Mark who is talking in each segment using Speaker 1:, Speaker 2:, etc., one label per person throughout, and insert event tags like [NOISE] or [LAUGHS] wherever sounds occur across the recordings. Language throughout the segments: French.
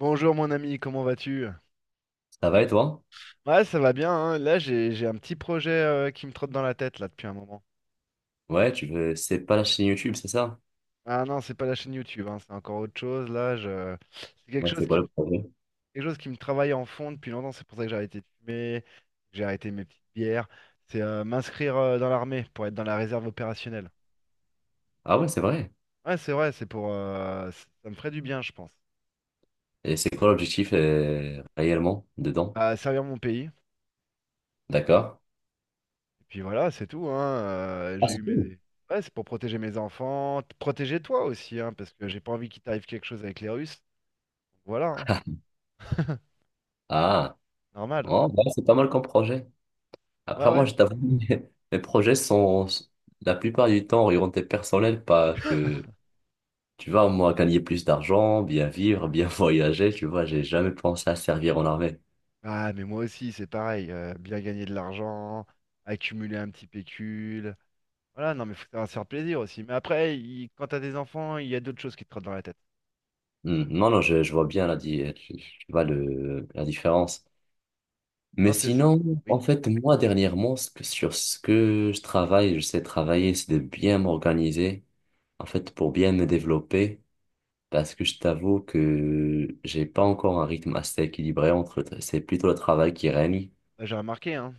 Speaker 1: Bonjour mon ami, comment vas-tu?
Speaker 2: Ça va et toi?
Speaker 1: Ouais, ça va bien, hein. Là, j'ai un petit projet qui me trotte dans la tête là depuis un moment.
Speaker 2: Ouais, tu veux, c'est pas la chaîne YouTube, c'est ça?
Speaker 1: Ah non, c'est pas la chaîne YouTube, hein, c'est encore autre chose. Là, je... c'est quelque
Speaker 2: Ouais,
Speaker 1: chose
Speaker 2: c'est quoi
Speaker 1: qui me...
Speaker 2: le projet?
Speaker 1: quelque chose qui me travaille en fond depuis longtemps. C'est pour ça que j'ai arrêté de fumer, que j'ai arrêté mes petites bières. C'est m'inscrire dans l'armée pour être dans la réserve opérationnelle.
Speaker 2: Ah ouais, c'est vrai.
Speaker 1: Ouais, c'est vrai, c'est pour ça me ferait du bien, je pense.
Speaker 2: Et c'est quoi l'objectif réellement dedans?
Speaker 1: À servir mon pays.
Speaker 2: D'accord.
Speaker 1: Puis voilà, c'est tout, hein.
Speaker 2: Ah,
Speaker 1: J'ai
Speaker 2: c'est
Speaker 1: eu
Speaker 2: tout.
Speaker 1: mes... Ouais, c'est pour protéger mes enfants, protéger toi aussi, hein, parce que j'ai pas envie qu'il t'arrive quelque chose avec les Russes. Voilà, hein. [LAUGHS]
Speaker 2: Ah,
Speaker 1: Normal.
Speaker 2: oh, bah, c'est pas mal comme projet.
Speaker 1: Ouais,
Speaker 2: Après, moi,
Speaker 1: ouais.
Speaker 2: je t'avoue, [LAUGHS] mes mes projets sont la plupart du temps orientés personnels, pas que, tu vois, moi, gagner plus d'argent, bien vivre, bien [LAUGHS] voyager, tu vois, j'ai jamais pensé à servir en armée.
Speaker 1: Ah, mais moi aussi, c'est pareil. Bien gagner de l'argent, accumuler un petit pécule. Voilà, non, mais faut savoir se faire plaisir aussi. Mais après, quand t'as des enfants, il y a d'autres choses qui te trottent dans la tête.
Speaker 2: Hmm. Non, non, je vois bien la, tu vois le, la différence. Mais
Speaker 1: Non, c'est...
Speaker 2: sinon, en
Speaker 1: Oui,
Speaker 2: fait, moi, dernièrement, sur ce que je travaille, je sais travailler, c'est de bien m'organiser, en fait, pour bien me développer, parce que je t'avoue que j'ai pas encore un rythme assez équilibré entre, c'est plutôt le travail qui règne.
Speaker 1: bah, j'ai remarqué, hein.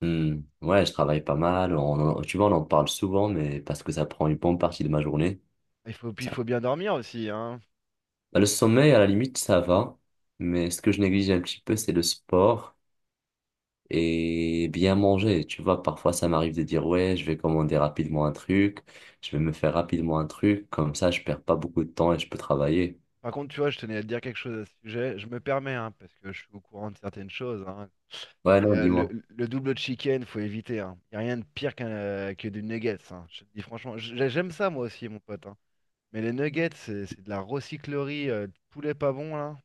Speaker 2: Hmm. Ouais, je travaille pas mal, tu vois, on en parle souvent, mais parce que ça prend une bonne partie de ma journée.
Speaker 1: Il faut, puis il
Speaker 2: Ça.
Speaker 1: faut bien dormir aussi, hein.
Speaker 2: Bah, le sommeil, à la limite, ça va, mais ce que je néglige un petit peu, c'est le sport. Et bien manger. Tu vois, parfois ça m'arrive de dire, ouais, je vais commander rapidement un truc, je vais me faire rapidement un truc, comme ça je perds pas beaucoup de temps et je peux travailler.
Speaker 1: Par contre, tu vois, je tenais à te dire quelque chose à ce sujet. Je me permets, hein, parce que je suis au courant de certaines choses, hein.
Speaker 2: Ouais,
Speaker 1: C'est,
Speaker 2: non,
Speaker 1: euh, le,
Speaker 2: dis-moi.
Speaker 1: le double chicken, faut éviter. Il n'y a rien de pire que des nuggets. Hein. Je te dis franchement, j'aime ça moi aussi, mon pote. Hein. Mais les nuggets, c'est de la recyclerie de poulet pas bon là.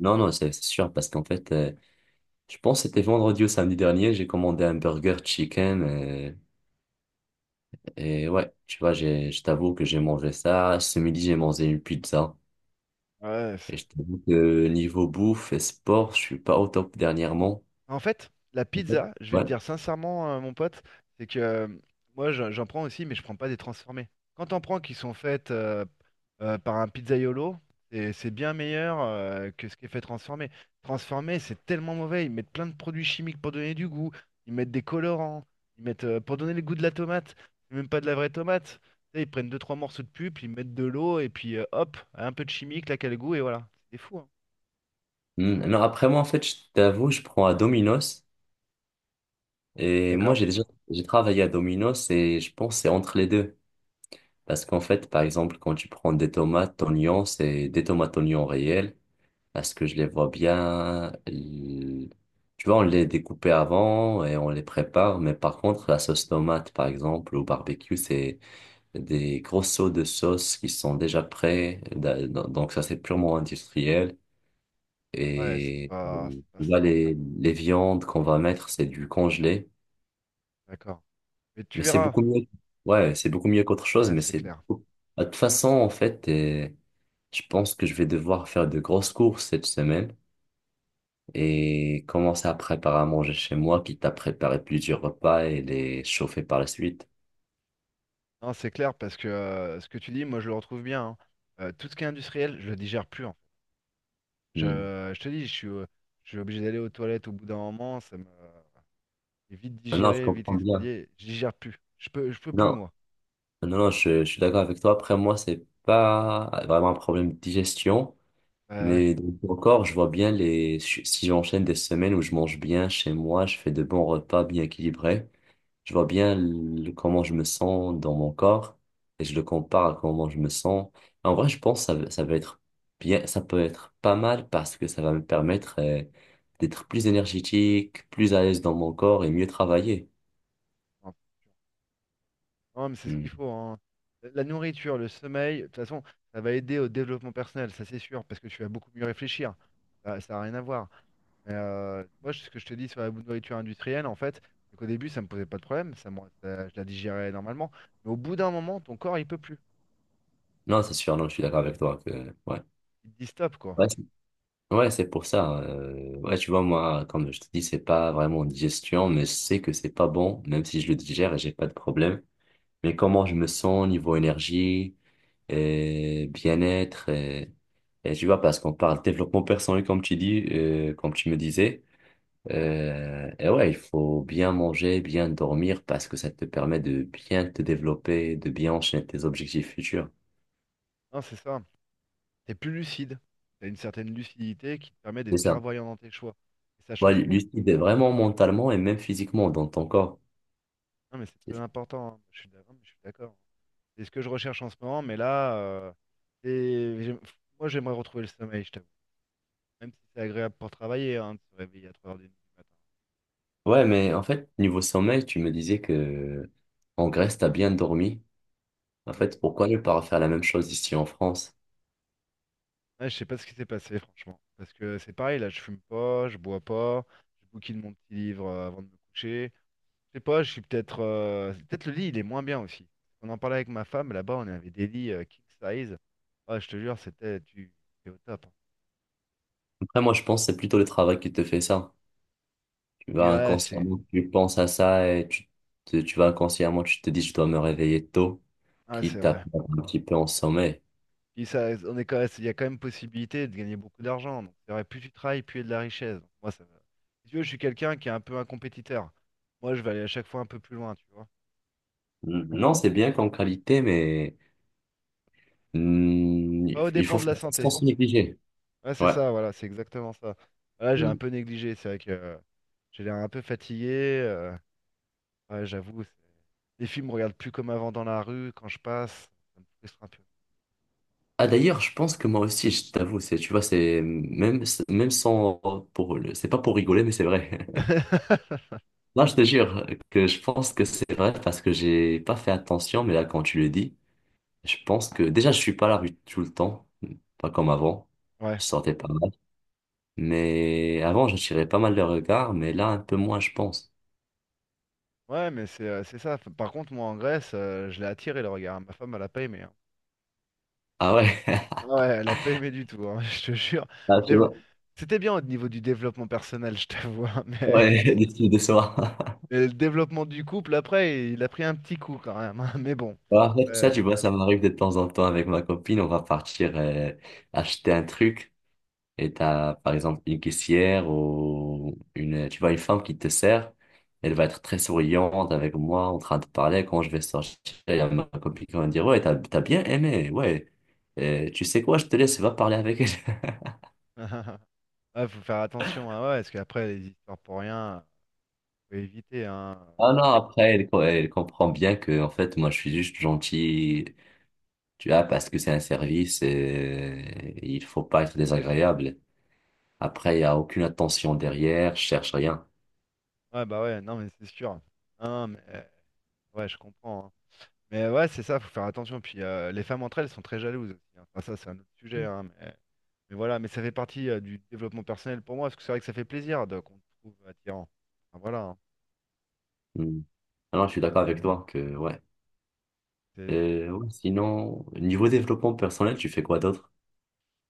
Speaker 2: Non, non, c'est sûr, parce qu'en fait, je pense que c'était vendredi ou samedi dernier, j'ai commandé un burger chicken, et ouais, tu vois, je t'avoue que j'ai mangé ça. Ce midi, j'ai mangé une pizza.
Speaker 1: Ouais,
Speaker 2: Et
Speaker 1: c'est
Speaker 2: je t'avoue que niveau bouffe et sport, je suis pas au top dernièrement.
Speaker 1: en fait, la pizza, je vais te
Speaker 2: Ouais.
Speaker 1: dire sincèrement, mon pote, c'est que moi j'en prends aussi, mais je prends pas des transformées. Quand t'en prends qui sont faites par un pizzaiolo, c'est bien meilleur que ce qui est fait transformé. Transformé, c'est tellement mauvais. Ils mettent plein de produits chimiques pour donner du goût. Ils mettent des colorants. Ils mettent pour donner le goût de la tomate. C'est même pas de la vraie tomate. Tu sais, ils prennent deux trois morceaux de pulpe, ils mettent de l'eau et puis hop, un peu de chimique, là, quel goût et voilà. C'est fou, hein.
Speaker 2: Hmm. Non, après moi, en fait, je t'avoue, je prends à Domino's. Et moi,
Speaker 1: D'accord?
Speaker 2: j'ai travaillé à Domino's et je pense que c'est entre les deux. Parce qu'en fait, par exemple, quand tu prends des tomates, oignons, c'est des tomates, oignons réels. Parce que je les vois bien. Tu vois, on les découpe avant et on les prépare. Mais par contre, la sauce tomate, par exemple, au barbecue, c'est des gros seaux de sauce qui sont déjà prêts. Donc, ça, c'est purement industriel.
Speaker 1: Ouais,
Speaker 2: Et
Speaker 1: c'est pas
Speaker 2: tu vois,
Speaker 1: ça.
Speaker 2: les viandes qu'on va mettre, c'est du congelé.
Speaker 1: D'accord. Mais tu
Speaker 2: Mais c'est
Speaker 1: verras.
Speaker 2: beaucoup mieux. Ouais, c'est beaucoup mieux qu'autre chose,
Speaker 1: Ouais, c'est clair.
Speaker 2: beaucoup- Ah, de toute façon, en fait, je pense que je vais devoir faire de grosses courses cette semaine et commencer à préparer à manger chez moi, quitte à préparer plusieurs repas et les chauffer par la suite.
Speaker 1: Non, c'est clair parce que ce que tu dis, moi, je le retrouve bien. Hein. Tout ce qui est industriel, je le digère plus. En fait.
Speaker 2: Hmm.
Speaker 1: Je te dis, je suis obligé d'aller aux toilettes au bout d'un moment. Ça me c'est vite
Speaker 2: Ah, non, je
Speaker 1: digéré, vite
Speaker 2: comprends bien.
Speaker 1: expédié. Je digère plus. Je peux plus,
Speaker 2: Non,
Speaker 1: moi.
Speaker 2: non, non, je suis d'accord avec toi. Après, moi, c'est pas vraiment un problème de digestion,
Speaker 1: Ouais, ouais. Ouais.
Speaker 2: mais donc, encore, je vois bien les... Si j'enchaîne des semaines où je mange bien chez moi, je fais de bons repas bien équilibrés. Je vois bien comment je me sens dans mon corps et je le compare à comment je me sens. En vrai, je pense que ça va être bien, ça peut être pas mal parce que ça va me permettre d'être plus énergétique, plus à l'aise dans mon corps et mieux travailler.
Speaker 1: Non, non, mais c'est ce
Speaker 2: Hmm.
Speaker 1: qu'il faut. Hein. La nourriture, le sommeil, de toute façon, ça va aider au développement personnel, ça c'est sûr, parce que tu vas beaucoup mieux réfléchir. Ça n'a rien à voir. Mais moi, ce que je te dis sur la nourriture industrielle, en fait, c'est qu'au début, ça me posait pas de problème, je la digérais normalement. Mais au bout d'un moment, ton corps, il peut plus.
Speaker 2: Non, c'est sûr, non, je suis d'accord avec toi que ouais.
Speaker 1: Il te dit stop, quoi.
Speaker 2: Ouais, c'est pour ça. Ouais, tu vois, moi, comme je te dis, c'est pas vraiment digestion, mais je sais que c'est pas bon, même si je le digère et j'ai pas de problème. Mais comment je me sens niveau énergie, bien-être, et tu vois, parce qu'on parle développement personnel, comme tu dis, comme tu me disais. Et ouais, il faut bien manger, bien dormir, parce que ça te permet de bien te développer, de bien enchaîner tes objectifs futurs.
Speaker 1: Non, c'est ça. T'es plus lucide. T'as une certaine lucidité qui te permet
Speaker 2: C'est
Speaker 1: d'être
Speaker 2: ça.
Speaker 1: clairvoyant dans tes choix. Et ça
Speaker 2: Ouais,
Speaker 1: change tout.
Speaker 2: lucide vraiment mentalement et même physiquement dans ton corps.
Speaker 1: Non, mais c'est très important. Hein. Je suis d'accord. C'est ce que je recherche en ce moment, mais là, c'est- j'aime- moi, j'aimerais retrouver le sommeil, je t'avoue. Même si c'est agréable pour travailler, hein, de se réveiller à 3 heures du matin. Ouais.
Speaker 2: Ouais, mais en fait, niveau sommeil, tu me disais que en Grèce, t'as bien dormi. En fait, pourquoi ne pas refaire la même chose ici en France?
Speaker 1: Ouais, je sais pas ce qui s'est passé, franchement. Parce que c'est pareil, là, je fume pas, je bois pas, je bouquine mon petit livre avant de me coucher. Je sais pas, je suis peut-être. Peut-être le lit, il est moins bien aussi. On en parlait avec ma femme, là-bas, on avait des lits king size. Ah, je te jure, c'était tu t'es au top. Hein.
Speaker 2: Après, moi, je pense que c'est plutôt le travail qui te fait ça. Tu
Speaker 1: Tu
Speaker 2: vas
Speaker 1: ah, c'est
Speaker 2: inconsciemment, tu penses à ça et tu vas inconsciemment, tu te dis, je dois me réveiller tôt,
Speaker 1: Ah, c'est
Speaker 2: quitte à
Speaker 1: vrai.
Speaker 2: perdre un petit peu en sommeil.
Speaker 1: Puis ça, on est quand même- Il y a quand même possibilité de gagner beaucoup d'argent. Donc c'est vrai, plus tu travailles, plus il y a de la richesse. Donc, moi, ça, va. Si tu veux, je suis quelqu'un qui est un peu un compétiteur. Moi, je vais aller à chaque fois un peu plus loin, tu vois.
Speaker 2: Mm. Non, c'est bien qu'en qualité, mais mm,
Speaker 1: Pas au
Speaker 2: il faut
Speaker 1: dépend de la
Speaker 2: faire ça
Speaker 1: santé.
Speaker 2: sans se négliger.
Speaker 1: Ouais, c'est
Speaker 2: Ouais.
Speaker 1: ça, voilà, c'est exactement ça. Là, j'ai un
Speaker 2: Mm.
Speaker 1: peu négligé, c'est vrai que j'ai l'air un peu fatigué. euh, ouais, j'avoue, les filles me regardent plus comme avant dans la rue quand je passe. Ça me frustre un peu.
Speaker 2: Ah, d'ailleurs, je pense que moi aussi, je t'avoue, c'est, tu vois, c'est même, même sans, c'est pas pour rigoler, mais c'est vrai. [LAUGHS]
Speaker 1: [LAUGHS]
Speaker 2: Là, je te jure que je pense que c'est vrai parce que j'ai pas fait attention, mais là, quand tu le dis, je pense que déjà, je suis pas à la rue tout le temps, pas comme avant.
Speaker 1: Ouais,
Speaker 2: Je sortais pas mal. Mais avant, j'attirais pas mal de regards, mais là, un peu moins, je pense.
Speaker 1: ouais, mais c'est ça. Par contre, moi en Grèce, je l'ai attiré le regard. Ma femme, elle a pas aimé. Hein.
Speaker 2: Ah ouais,
Speaker 1: Ah ouais, elle a pas aimé du tout, hein, [LAUGHS] je te jure.
Speaker 2: [LAUGHS] ah,
Speaker 1: Le
Speaker 2: tu
Speaker 1: dével-
Speaker 2: vois.
Speaker 1: C'était bien au niveau du développement personnel, je t'avoue, hein, [LAUGHS]
Speaker 2: Ouais, [LAUGHS] des filles de soir. [LAUGHS]
Speaker 1: mais le développement du couple, après, il a pris un petit coup quand même. Hein, mais bon,
Speaker 2: Ouais, en
Speaker 1: après.
Speaker 2: fait, ça, tu vois, ça m'arrive de temps en temps avec ma copine. On va partir acheter un truc. Et t'as par exemple une caissière ou une, tu vois, une femme qui te sert, elle va être très souriante avec moi en train de parler. Quand je vais sortir, elle va me, copine qui va me dire, ouais, t'as bien aimé, ouais. Tu sais quoi, je te laisse, va parler avec elle. [LAUGHS]
Speaker 1: [LAUGHS] Ouais, faut faire attention, hein, ouais, parce qu'après, les histoires pour rien, faut éviter, hein.
Speaker 2: Ah non, elle comprend bien que en fait moi je suis juste gentil, tu vois, parce que c'est un service et il faut pas être désagréable. Après, il n'y a aucune attention derrière, je cherche rien.
Speaker 1: Ouais, bah ouais, non, mais c'est sûr. Non, ouais, je comprends. Hein. Mais ouais, c'est ça, faut faire attention. Puis les femmes entre elles sont très jalouses aussi. Hein. Enfin, ça, c'est un autre sujet, hein, mais voilà, mais ça fait partie du développement personnel pour moi, parce que c'est vrai que ça fait plaisir de, qu'on te trouve attirant. Enfin, voilà. Hein.
Speaker 2: Hmm. Alors, je suis d'accord avec toi que, ouais.
Speaker 1: C'est-
Speaker 2: Ouais, Sinon, niveau développement personnel, tu fais quoi d'autre?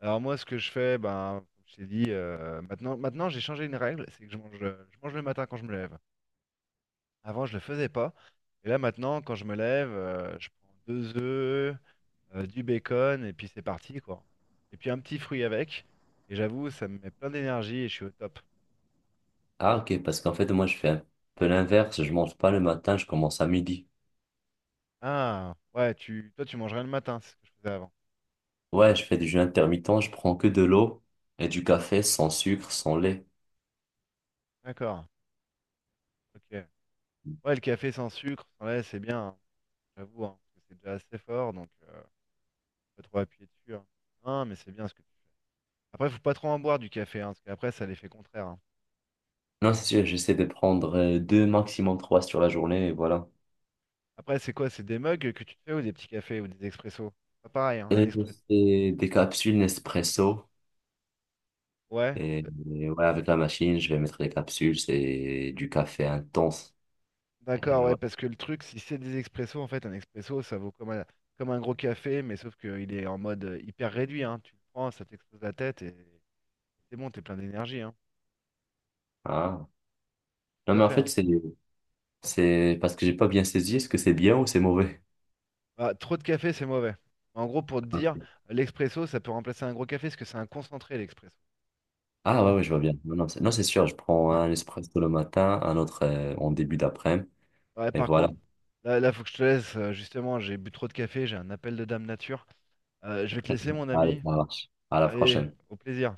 Speaker 1: Alors moi, ce que je fais, ben, comme je t'ai dit, maintenant j'ai changé une règle, c'est que je mange le matin quand je me lève. Avant, je le faisais pas. Et là, maintenant, quand je me lève, je prends deux œufs, du bacon, et puis c'est parti, quoi. Et puis un petit fruit avec. Et j'avoue, ça me met plein d'énergie et je suis au top.
Speaker 2: Ah, ok, parce qu'en fait, moi, je fais un peu l'inverse. Je mange pas le matin, je commence à midi.
Speaker 1: Ah, ouais, toi, tu mangerais le matin, c'est ce que je faisais avant.
Speaker 2: Ouais, je fais du jeûne intermittent, je prends que de l'eau et du café sans sucre, sans lait.
Speaker 1: D'accord, ok. Ouais, le café sans sucre, sans lait, c'est bien, hein, j'avoue, hein, parce que c'est déjà assez fort, donc pas trop appuyer dessus. Hein. Non, mais c'est bien ce que tu... Après, faut pas trop en boire du café, hein, parce qu'après, ça a l'effet contraire. Hein.
Speaker 2: Non, c'est sûr, j'essaie de prendre deux, maximum trois sur la journée, et voilà.
Speaker 1: Après, c'est quoi? C'est des mugs que tu te fais ou des petits cafés ou des expressos? Pas pareil, hein, un
Speaker 2: Euh,
Speaker 1: expresso.
Speaker 2: C'est des capsules Nespresso.
Speaker 1: Ouais,
Speaker 2: Et,
Speaker 1: euh,
Speaker 2: et ouais, avec la machine, je vais mettre les capsules. C'est du café intense.
Speaker 1: d'accord,
Speaker 2: Et
Speaker 1: ouais,
Speaker 2: ouais.
Speaker 1: parce que le truc, si c'est des expressos, en fait, un expresso, ça vaut comme un gros café, mais sauf qu'il est en mode hyper réduit, hein. Tu le prends, ça t'explose la tête et c'est bon, t'es plein d'énergie, hein.
Speaker 2: Ah. Non,
Speaker 1: Tout à
Speaker 2: mais en
Speaker 1: fait,
Speaker 2: fait,
Speaker 1: hein.
Speaker 2: c'est parce que j'ai pas bien saisi. Est-ce que c'est bien ou c'est mauvais?
Speaker 1: Bah, trop de café, c'est mauvais. En gros, pour te dire, l'expresso, ça peut remplacer un gros café, parce que c'est un concentré, l'expresso. Tu
Speaker 2: Ah ouais,
Speaker 1: vois?
Speaker 2: ouais, je vois bien. Non, non, c'est, non, c'est sûr. Je prends
Speaker 1: Ouais.
Speaker 2: un Nespresso le matin, un autre en début d'après-midi.
Speaker 1: Ouais,
Speaker 2: Et
Speaker 1: par
Speaker 2: voilà.
Speaker 1: contre, là, faut que je te laisse, justement, j'ai bu trop de café, j'ai un appel de dame nature. Je vais te laisser, mon
Speaker 2: Allez,
Speaker 1: ami.
Speaker 2: ça marche. À la
Speaker 1: Allez,
Speaker 2: prochaine.
Speaker 1: au plaisir.